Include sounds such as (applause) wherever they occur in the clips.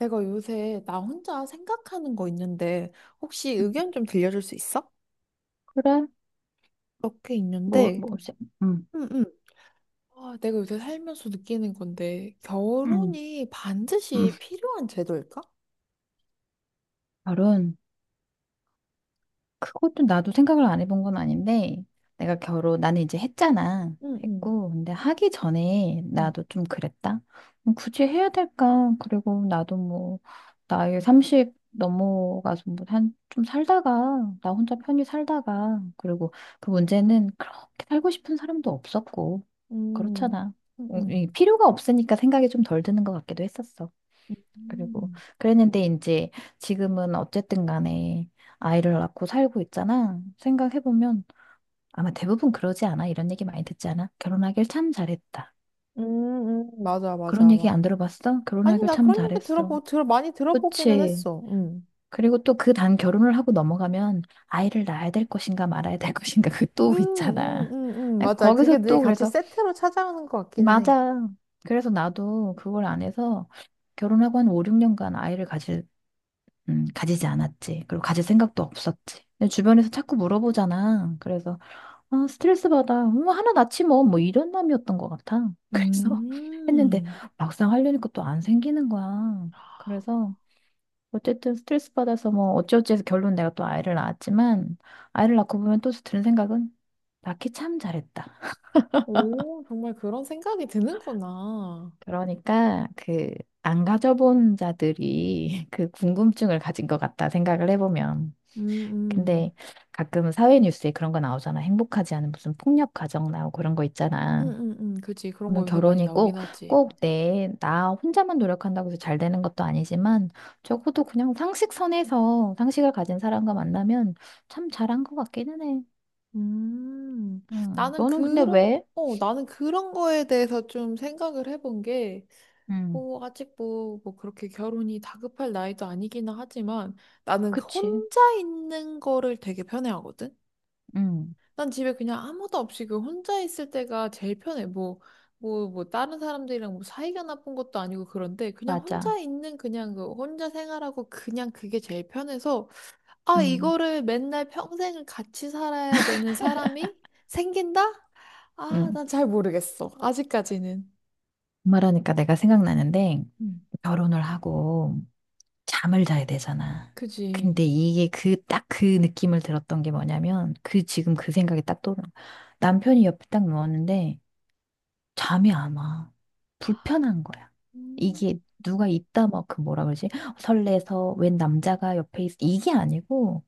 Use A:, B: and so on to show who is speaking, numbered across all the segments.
A: 내가 요새 나 혼자 생각하는 거 있는데 혹시 의견 좀 들려줄 수 있어?
B: 그래?
A: 몇 개
B: 뭐,
A: 있는데.
B: 뭐, 없이. 음,
A: 응, 응. 아, 내가 요새 살면서 느끼는 건데
B: 음,
A: 결혼이
B: 음.
A: 반드시 필요한 제도일까?
B: 결혼. 그것도 나도 생각을 안 해본 건 아닌데, 내가 결혼, 나는 이제 했잖아.
A: 응, 응.
B: 했고, 근데 하기 전에
A: 응.
B: 나도 좀 그랬다. 굳이 해야 될까? 그리고 나도 뭐, 나이 30 넘어가서 뭐, 한, 좀 살다가, 나 혼자 편히 살다가, 그리고 그 문제는 그렇게 살고 싶은 사람도 없었고,
A: 응
B: 그렇잖아.
A: 응 응
B: 이 필요가 없으니까 생각이 좀 덜 드는 것 같기도 했었어. 그리고
A: 응,
B: 그랬는데 이제 지금은 어쨌든 간에 아이를 낳고 살고 있잖아. 생각해보면 아마 대부분 그러지 않아? 이런 얘기 많이 듣지 않아? 결혼하길 참 잘했다.
A: 응, 응, 맞아,
B: 그런
A: 맞아,
B: 얘기
A: 맞아.
B: 안 들어봤어?
A: 아니,
B: 결혼하길
A: 나
B: 참
A: 그런 얘기
B: 잘했어.
A: 들어보 들 많이 들어보기는
B: 그치.
A: 했어. 응응응응응,
B: 그리고 또 그 단 결혼을 하고 넘어가면 아이를 낳아야 될 것인가 말아야 될 (laughs) 것인가 그 또 있잖아.
A: 맞아.
B: 거기서
A: 그게 늘
B: 또
A: 같이
B: 그래서
A: 세트로 찾아오는 것 같기는 해.
B: 맞아. 그래서 나도 그걸 안 해서 결혼하고 한 5, 6년간 아이를 가질 가지지 않았지. 그리고 가질 생각도 없었지. 근데 주변에서 자꾸 물어보잖아. 그래서, 아, 스트레스 받아. 뭐, 하나 낳지 뭐. 뭐, 이런 마음이었던 것 같아. (laughs) 그래서 했는데,
A: 음.
B: 막상 하려니까 또 안 생기는 거야. 그래서, 어쨌든 스트레스 받아서 뭐, 어찌어찌 해서 결론 내가 또 아이를 낳았지만, 아이를 낳고 보면 또 드는 생각은, 낳기 참 잘했다.
A: 오, 정말 그런 생각이 드는구나.
B: 그러니까, 그, 안 가져본 자들이 (laughs) 그 궁금증을 가진 것 같다 생각을 해보면.
A: 음, 음.
B: 근데 가끔 사회 뉴스에 그런 거 나오잖아. 행복하지 않은 무슨 폭력 가정 나오고 그런 거
A: 음,
B: 있잖아.
A: 음, 그치. 그런 거
B: 물론
A: 요새 많이
B: 결혼이
A: 나오긴
B: 꼭,
A: 하지.
B: 꼭 나 혼자만 노력한다고 해서 잘 되는 것도 아니지만 적어도 그냥 상식선에서 상식을 가진 사람과 만나면 참 잘한 것 같기는 해.
A: 음. 나는
B: 너는 근데
A: 그런,
B: 왜?
A: 나는 그런 거에 대해서 좀 생각을 해본 게,
B: 음,
A: 뭐, 아직 뭐, 그렇게 결혼이 다급할 나이도 아니기는 하지만, 나는
B: 그치.
A: 혼자 있는 거를 되게 편해하거든?
B: 음,
A: 난 집에 그냥 아무도 없이 그 혼자 있을 때가 제일 편해. 뭐, 다른 사람들이랑 뭐 사이가 나쁜 것도 아니고 그런데 그냥
B: 맞아.
A: 혼자 있는 그냥 그 혼자 생활하고 그냥 그게 제일 편해서 아,
B: 음,
A: 이거를 맨날 평생을 같이 살아야 되는 사람이 생긴다? 아,
B: 음.
A: 난 잘 모르겠어. 아직까지는.
B: 말하니까 내가 생각나는데
A: 음,
B: 결혼을 하고 잠을 자야 되잖아.
A: 그지.
B: 근데 이게 그, 딱 그 느낌을 들었던 게 뭐냐면, 그, 지금 그 생각이 딱 떠오른는 거야. 남편이 옆에 딱 누웠는데, 잠이 안 와. 불편한 거야.
A: 음,
B: 이게 누가
A: 음,
B: 있다, 막, 그 뭐라 그러지? 설레서, 웬 남자가 옆에 있어. 이게 아니고,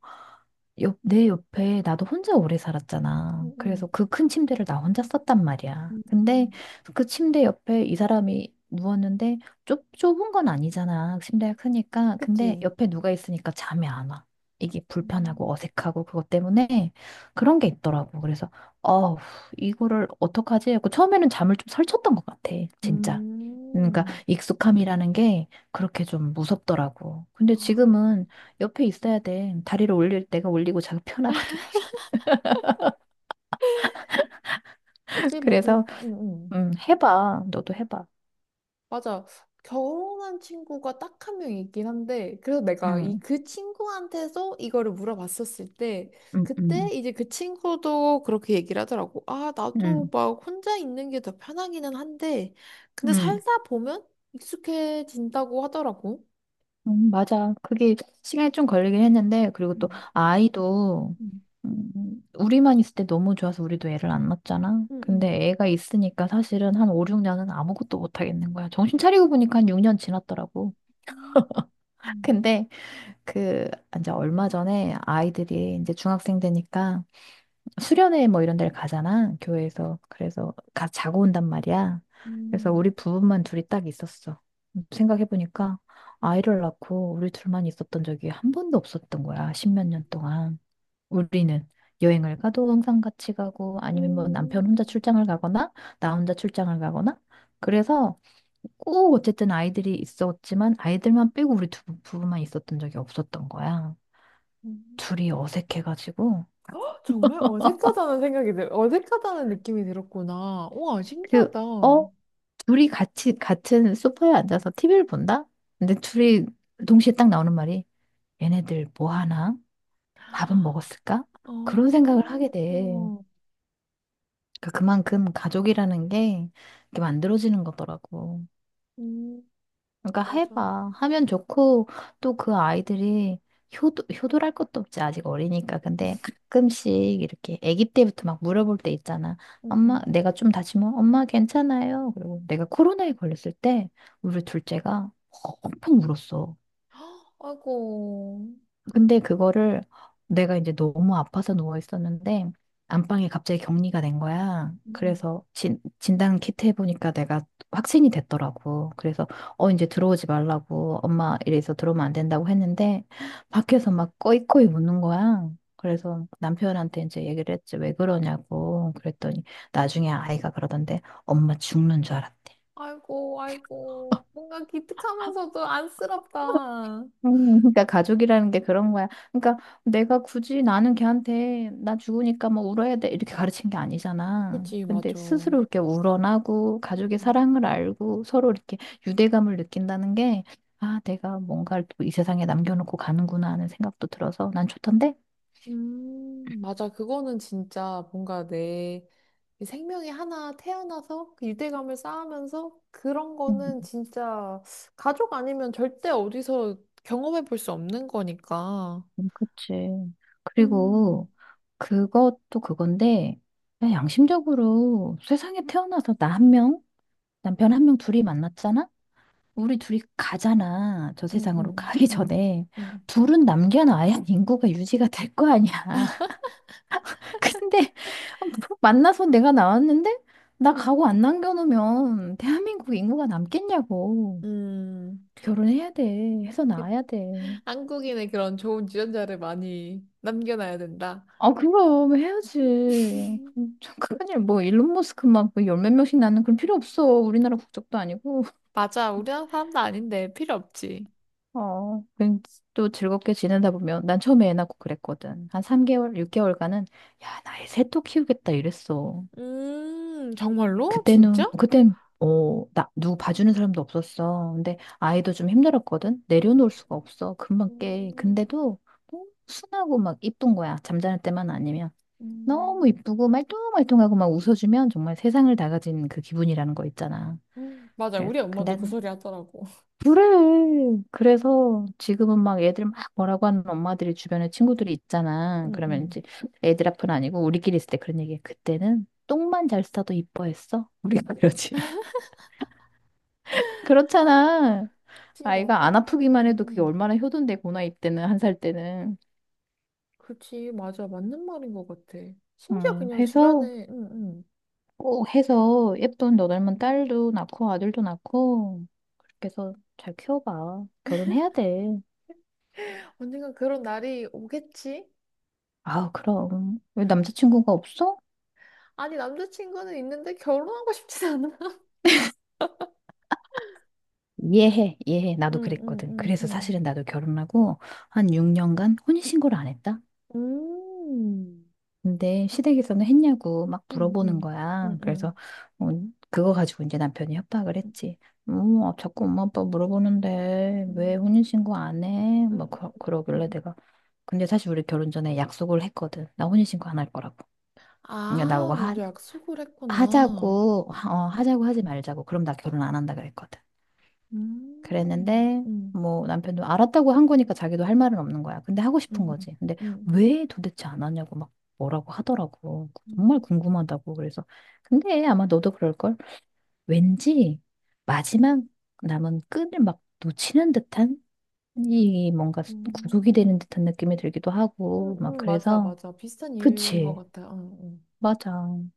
B: 옆, 내 옆에 나도 혼자 오래 살았잖아. 그래서
A: 음,
B: 그 큰 침대를 나 혼자 썼단 말이야. 근데
A: 음,
B: 그 침대 옆에 이 사람이 누웠는데 좁은 건 아니잖아. 침대가 크니까. 근데
A: 그지.
B: 옆에 누가 있으니까 잠이 안 와. 이게
A: 음.
B: 불편하고 어색하고 그것 때문에 그런 게 있더라고. 그래서 어우, 이거를 어떡하지? 하고 처음에는 잠을 좀 설쳤던 것 같아. 진짜. 그러니까
A: 음,
B: 익숙함이라는 게 그렇게 좀 무섭더라고. 근데
A: 아,
B: 지금은 옆에 있어야 돼. 다리를 올릴 때가 올리고 자기 편하거든. (laughs)
A: 그지. 뭐, 그, 음,
B: 그래서
A: 음.
B: 해봐. 너도 해봐.
A: 맞아. 결혼한 친구가 딱 한 명 있긴 한데, 그래서 내가 이
B: 음,
A: 그 친구한테서 이거를 물어봤었을 때,
B: 음,
A: 그때
B: 음,
A: 이제 그 친구도 그렇게 얘기를 하더라고. 아, 나도
B: 음,
A: 막 혼자 있는 게 더 편하기는 한데, 근데
B: 음,
A: 살다 보면 익숙해진다고 하더라고.
B: 맞아. 그게 시간이 좀 걸리긴 했는데 그리고 또
A: 음,
B: 아이도
A: 음,
B: 우리만 있을 때 너무 좋아서 우리도 애를 안 낳았잖아.
A: 응,
B: 근데 애가 있으니까 사실은 한 5, 6년은 아무것도 못 하겠는 거야. 정신 차리고 보니까 한 6년 지났더라고.
A: 응. 음,
B: 근데 그 이제 얼마 전에 아이들이 이제 중학생 되니까 수련회 뭐 이런 데를 가잖아, 교회에서. 그래서 가 자고 온단 말이야. 그래서
A: 음,
B: 우리 부부만 둘이 딱 있었어. 생각해보니까 아이를 낳고 우리 둘만 있었던 적이 한 번도 없었던 거야, 십몇
A: 음,
B: 년 동안. 우리는 여행을 가도 항상 같이 가고 아니면 뭐 남편 혼자
A: 음,
B: 출장을 가거나 나 혼자 출장을 가거나 그래서 꼭 어쨌든 아이들이 있었지만 아이들만 빼고 우리 두 부부만 있었던 적이 없었던 거야. 둘이 어색해가지고.
A: 헉, 정말 어색하다는 어색하다는 느낌이 들었구나. 우와,
B: 그,
A: 신기하다.
B: 어? 둘이 같이, 같은 소파에 앉아서 TV를 본다? 근데 둘이 동시에 딱 나오는 말이, 얘네들 뭐 하나? 밥은 먹었을까? 그런 생각을
A: 어,
B: 하게 돼. 그러니까 그만큼 가족이라는 게 이렇게 만들어지는 거더라고.
A: 음,
B: 그러니까
A: 맞아.
B: 해봐. 하면 좋고, 또 그 아이들이 효도, 효도랄 것도 없지. 아직 어리니까. 근데 가끔씩 이렇게 아기 때부터 막 물어볼 때 있잖아.
A: 응응
B: 엄마, 내가 좀 다치면 엄마 괜찮아요. 그리고 내가 코로나에 걸렸을 때 우리 둘째가 엄청 울었어.
A: 아이고,
B: 근데 그거를 내가 이제 너무 아파서 누워 있었는데 안방에 갑자기 격리가 된 거야.
A: 응, 응.
B: 그래서 진단 키트 해보니까 내가 확진이 됐더라고. 그래서 이제 들어오지 말라고 엄마 이래서 들어오면 안 된다고 했는데 밖에서 막 꺼이꺼이 우는 거야. 그래서 남편한테 이제 얘기를 했지 왜 그러냐고 그랬더니 나중에 아이가 그러던데 엄마 죽는 줄 알았대.
A: 아이고, 아이고. 뭔가 기특하면서도 안쓰럽다.
B: 그러니까 가족이라는 게 그런 거야. 그러니까 내가 굳이 나는 걔한테 나 죽으니까 뭐 울어야 돼 이렇게 가르친 게 아니잖아.
A: 그치,
B: 근데
A: 맞아.
B: 스스로 이렇게 우러나고 가족의
A: 음,
B: 사랑을 알고 서로 이렇게 유대감을 느낀다는 게 아, 내가 뭔가를 또 이 세상에 남겨놓고 가는구나 하는 생각도 들어서 난 좋던데?
A: 맞아. 그거는 진짜 뭔가 내 생명이 하나 태어나서 그 유대감을 쌓으면서 그런 거는
B: 음,
A: 진짜 가족 아니면 절대 어디서 경험해 볼 수 없는 거니까.
B: 그치. 그리고
A: 음.
B: 그것도 그건데 그냥 양심적으로 세상에 태어나서 나 한 명, 남편 한 명 둘이 만났잖아? 우리 둘이 가잖아. 저
A: 음,
B: 세상으로
A: 음,
B: 가기
A: 음,
B: 전에.
A: 음.
B: 둘은 남겨놔야 (laughs) 인구가 유지가 될 거 아니야. (laughs) 근데 만나서 내가 나왔는데 나 가고 안 남겨놓으면 대한민국 인구가 남겠냐고.
A: 음,
B: 결혼해야 돼. 해서
A: 그
B: 나와야 돼.
A: 한국인의 그런 좋은 유전자를 많이 남겨놔야 된다.
B: 아, 그럼 해야지. 참, 큰일, 뭐, 일론 머스크만 그 열 몇 명씩 낳는 그런 필요 없어. 우리나라 국적도 아니고.
A: 맞아, 우리나라 사람도 아닌데 필요 없지.
B: 어, 왠지 또 즐겁게 지내다 보면 난 처음에 애 낳고 그랬거든. 한 3개월, 6개월간은 야, 나애 셋 또 키우겠다 이랬어.
A: 정말로?
B: 그때는
A: 진짜?
B: 그땐 어, 나 누구 봐주는 사람도 없었어. 근데 아이도 좀 힘들었거든. 내려놓을 수가 없어. 금방 깨.
A: 음,
B: 근데도 너무 순하고 막 이쁜 거야. 잠자는 때만 아니면 너무
A: 음,
B: 이쁘고 말똥말똥하고 막 웃어주면 정말 세상을 다 가진 그 기분이라는 거 있잖아.
A: 맞아,
B: 그래서
A: 우리 엄마도
B: 근데
A: 그 소리 하더라고. (laughs)
B: 그래. 그래서 지금은 막 애들 막 뭐라고 하는 엄마들이 주변에 친구들이 있잖아.
A: 응응.
B: 그러면 이제 애들 앞은 아니고 우리끼리 있을 때 그런 얘기해. 그때는 똥만 잘 싸도 이뻐했어. 우리가 그러지. (laughs) 그렇잖아.
A: 그치,
B: 아이가
A: 맞아.
B: 안 아프기만 해도 그게
A: 응응.
B: 얼마나 효도인데, 고나 이때는, 한 살 때는.
A: 그치, 맞아. 맞는 말인 것 같아. 심지어 그냥
B: 해서,
A: 주변에 응응
B: 꼭 해서 예쁜 너 닮은 딸도 낳고 아들도 낳고, 그렇게 해서 잘 키워봐. 결혼해야 돼.
A: 언젠가 그런 날이 오겠지?
B: 아, 그럼. 왜 남자친구가 없어?
A: 아니, 남자친구는 있는데 결혼하고 싶지 않아.
B: 이해해, 이해해. 나도
A: 음, 음,
B: 그랬거든.
A: 음,
B: 그래서 사실은
A: 음.
B: 나도 결혼하고 한 6년간 혼인신고를 안 했다?
A: 응
B: 근데 시댁에서는 했냐고 막
A: 음,
B: 물어보는
A: 음,
B: 거야. 그래서
A: 음,
B: 어, 그거 가지고 이제 남편이 협박을 했지. 자꾸 엄마 아빠 물어보는데 왜
A: 음,
B: 혼인신고 안 해?
A: 음,
B: 막 그러길래
A: 음.
B: 내가. 근데 사실 우리 결혼 전에 약속을 했거든. 나 혼인신고 안 할 거라고. 그러니까 나보고
A: 아, 먼저 약속을 했구나.
B: 하자고 하지 말자고. 그럼 나 결혼 안 한다 그랬거든.
A: 음.
B: 그랬는데 뭐 남편도 알았다고 한 거니까 자기도 할 말은 없는 거야. 근데 하고
A: 음,
B: 싶은
A: 음,
B: 거지. 근데
A: 음,
B: 왜 도대체 안 하냐고 막 뭐라고 하더라고. 정말
A: 음.
B: 궁금하다고. 그래서 근데 아마 너도 그럴 걸. 왠지 마지막 남은 끈을 막 놓치는 듯한 이 뭔가 구속이
A: 음.
B: 되는 듯한 느낌이 들기도 하고 막
A: 맞아,
B: 그래서
A: 맞아. 비슷한 이유인 것
B: 그치.
A: 같아. 응, 응.
B: 맞아.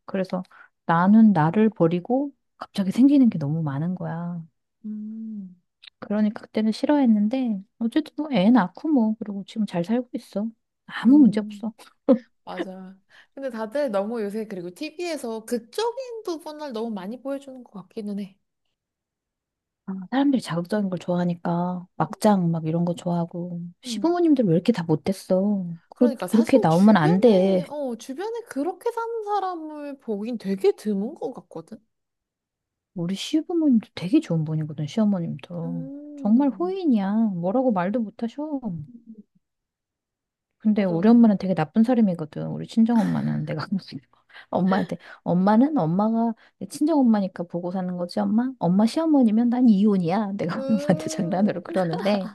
B: 그래서 나는 나를 버리고 갑자기 생기는 게 너무 많은 거야.
A: 음.
B: 그러니까 그때는 싫어했는데 어쨌든 뭐 애 낳고 뭐 그리고 지금 잘 살고 있어. 아무 문제
A: 음,
B: 없어. 아,
A: 맞아. 근데 다들 너무 요새 그리고 TV에서 극적인 부분을 너무 많이 보여주는 것 같기는 해.
B: (laughs) 사람들이 자극적인 걸 좋아하니까 막장 막 이런 거 좋아하고
A: 음,
B: 시부모님들 왜 이렇게 다 못됐어? 그
A: 그러니까
B: 그렇게
A: 사실
B: 나오면 안
A: 주변에,
B: 돼.
A: 어, 주변에 그렇게 사는 사람을 보긴 되게 드문 것 같거든?
B: 우리 시부모님도 되게 좋은 분이거든 시어머님도 정말
A: 음,
B: 호인이야. 뭐라고 말도 못하셔. 근데
A: 맞아.
B: 우리 엄마는 되게 나쁜 사람이거든. 우리 친정 엄마는 내가 무슨 (laughs) 엄마한테 엄마는 엄마가 내 친정 엄마니까 보고 사는 거지 엄마. 엄마 시어머니면 난 이혼이야. 내가 우리 엄마한테 (laughs)
A: 음,
B: 장난으로 그러는데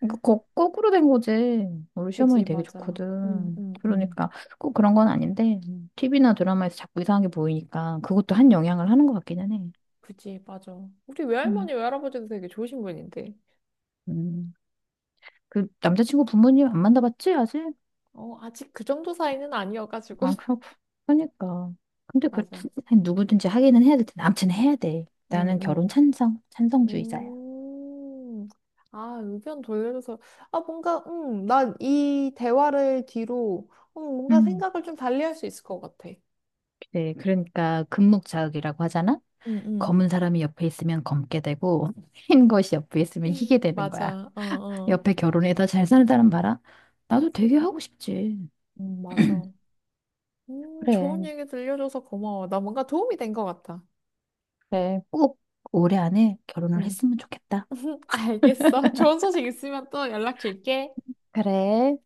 B: 그러니까 거꾸로 된 거지. 우리
A: 그지,
B: 시어머니 되게
A: 맞아.
B: 좋거든. 그러니까 꼭 그런 건 아닌데 TV나 드라마에서 자꾸 이상한 게 보이니까 그것도 한 영향을 하는 것 같기는 해.
A: 그지, 맞아. 우리
B: 음,
A: 외할머니, 외할아버지도 되게 좋으신 분인데.
B: 음. 그 남자친구 부모님 안 만나봤지 아직?
A: 어, 아직 그 정도 사이는 아니어가지고.
B: 아,
A: (laughs)
B: 그렇고. 그러니까. 근데 그
A: 맞아.
B: 아니, 누구든지 하기는 해야 될 텐데 아무튼 해야 돼.
A: 응,
B: 나는 결혼
A: 응.
B: 찬성, 찬성주의자야.
A: 음, 아, 의견 돌려줘서, 아, 뭔가, 난 이 대화를 뒤로, 뭔가
B: 음.
A: 생각을 좀 달리 할 수 있을 것 같아.
B: 그래. 그러니까 금목자극이라고 하잖아.
A: 응, 응.
B: 검은 사람이 옆에 있으면 검게 되고 흰 것이 옆에 있으면 희게
A: (laughs)
B: 되는 거야.
A: 맞아. 어, 어.
B: 옆에 결혼해서 잘 사는 사람 봐라. 나도 되게 하고 싶지.
A: 맞아. 좋은
B: 그래.
A: 얘기 들려줘서 고마워. 나 뭔가 도움이 된 것 같아.
B: 그래. 꼭 올해 안에 결혼을
A: 응.
B: 했으면 좋겠다.
A: (laughs) 알겠어. 좋은 소식 있으면 또 연락 줄게.
B: 그래.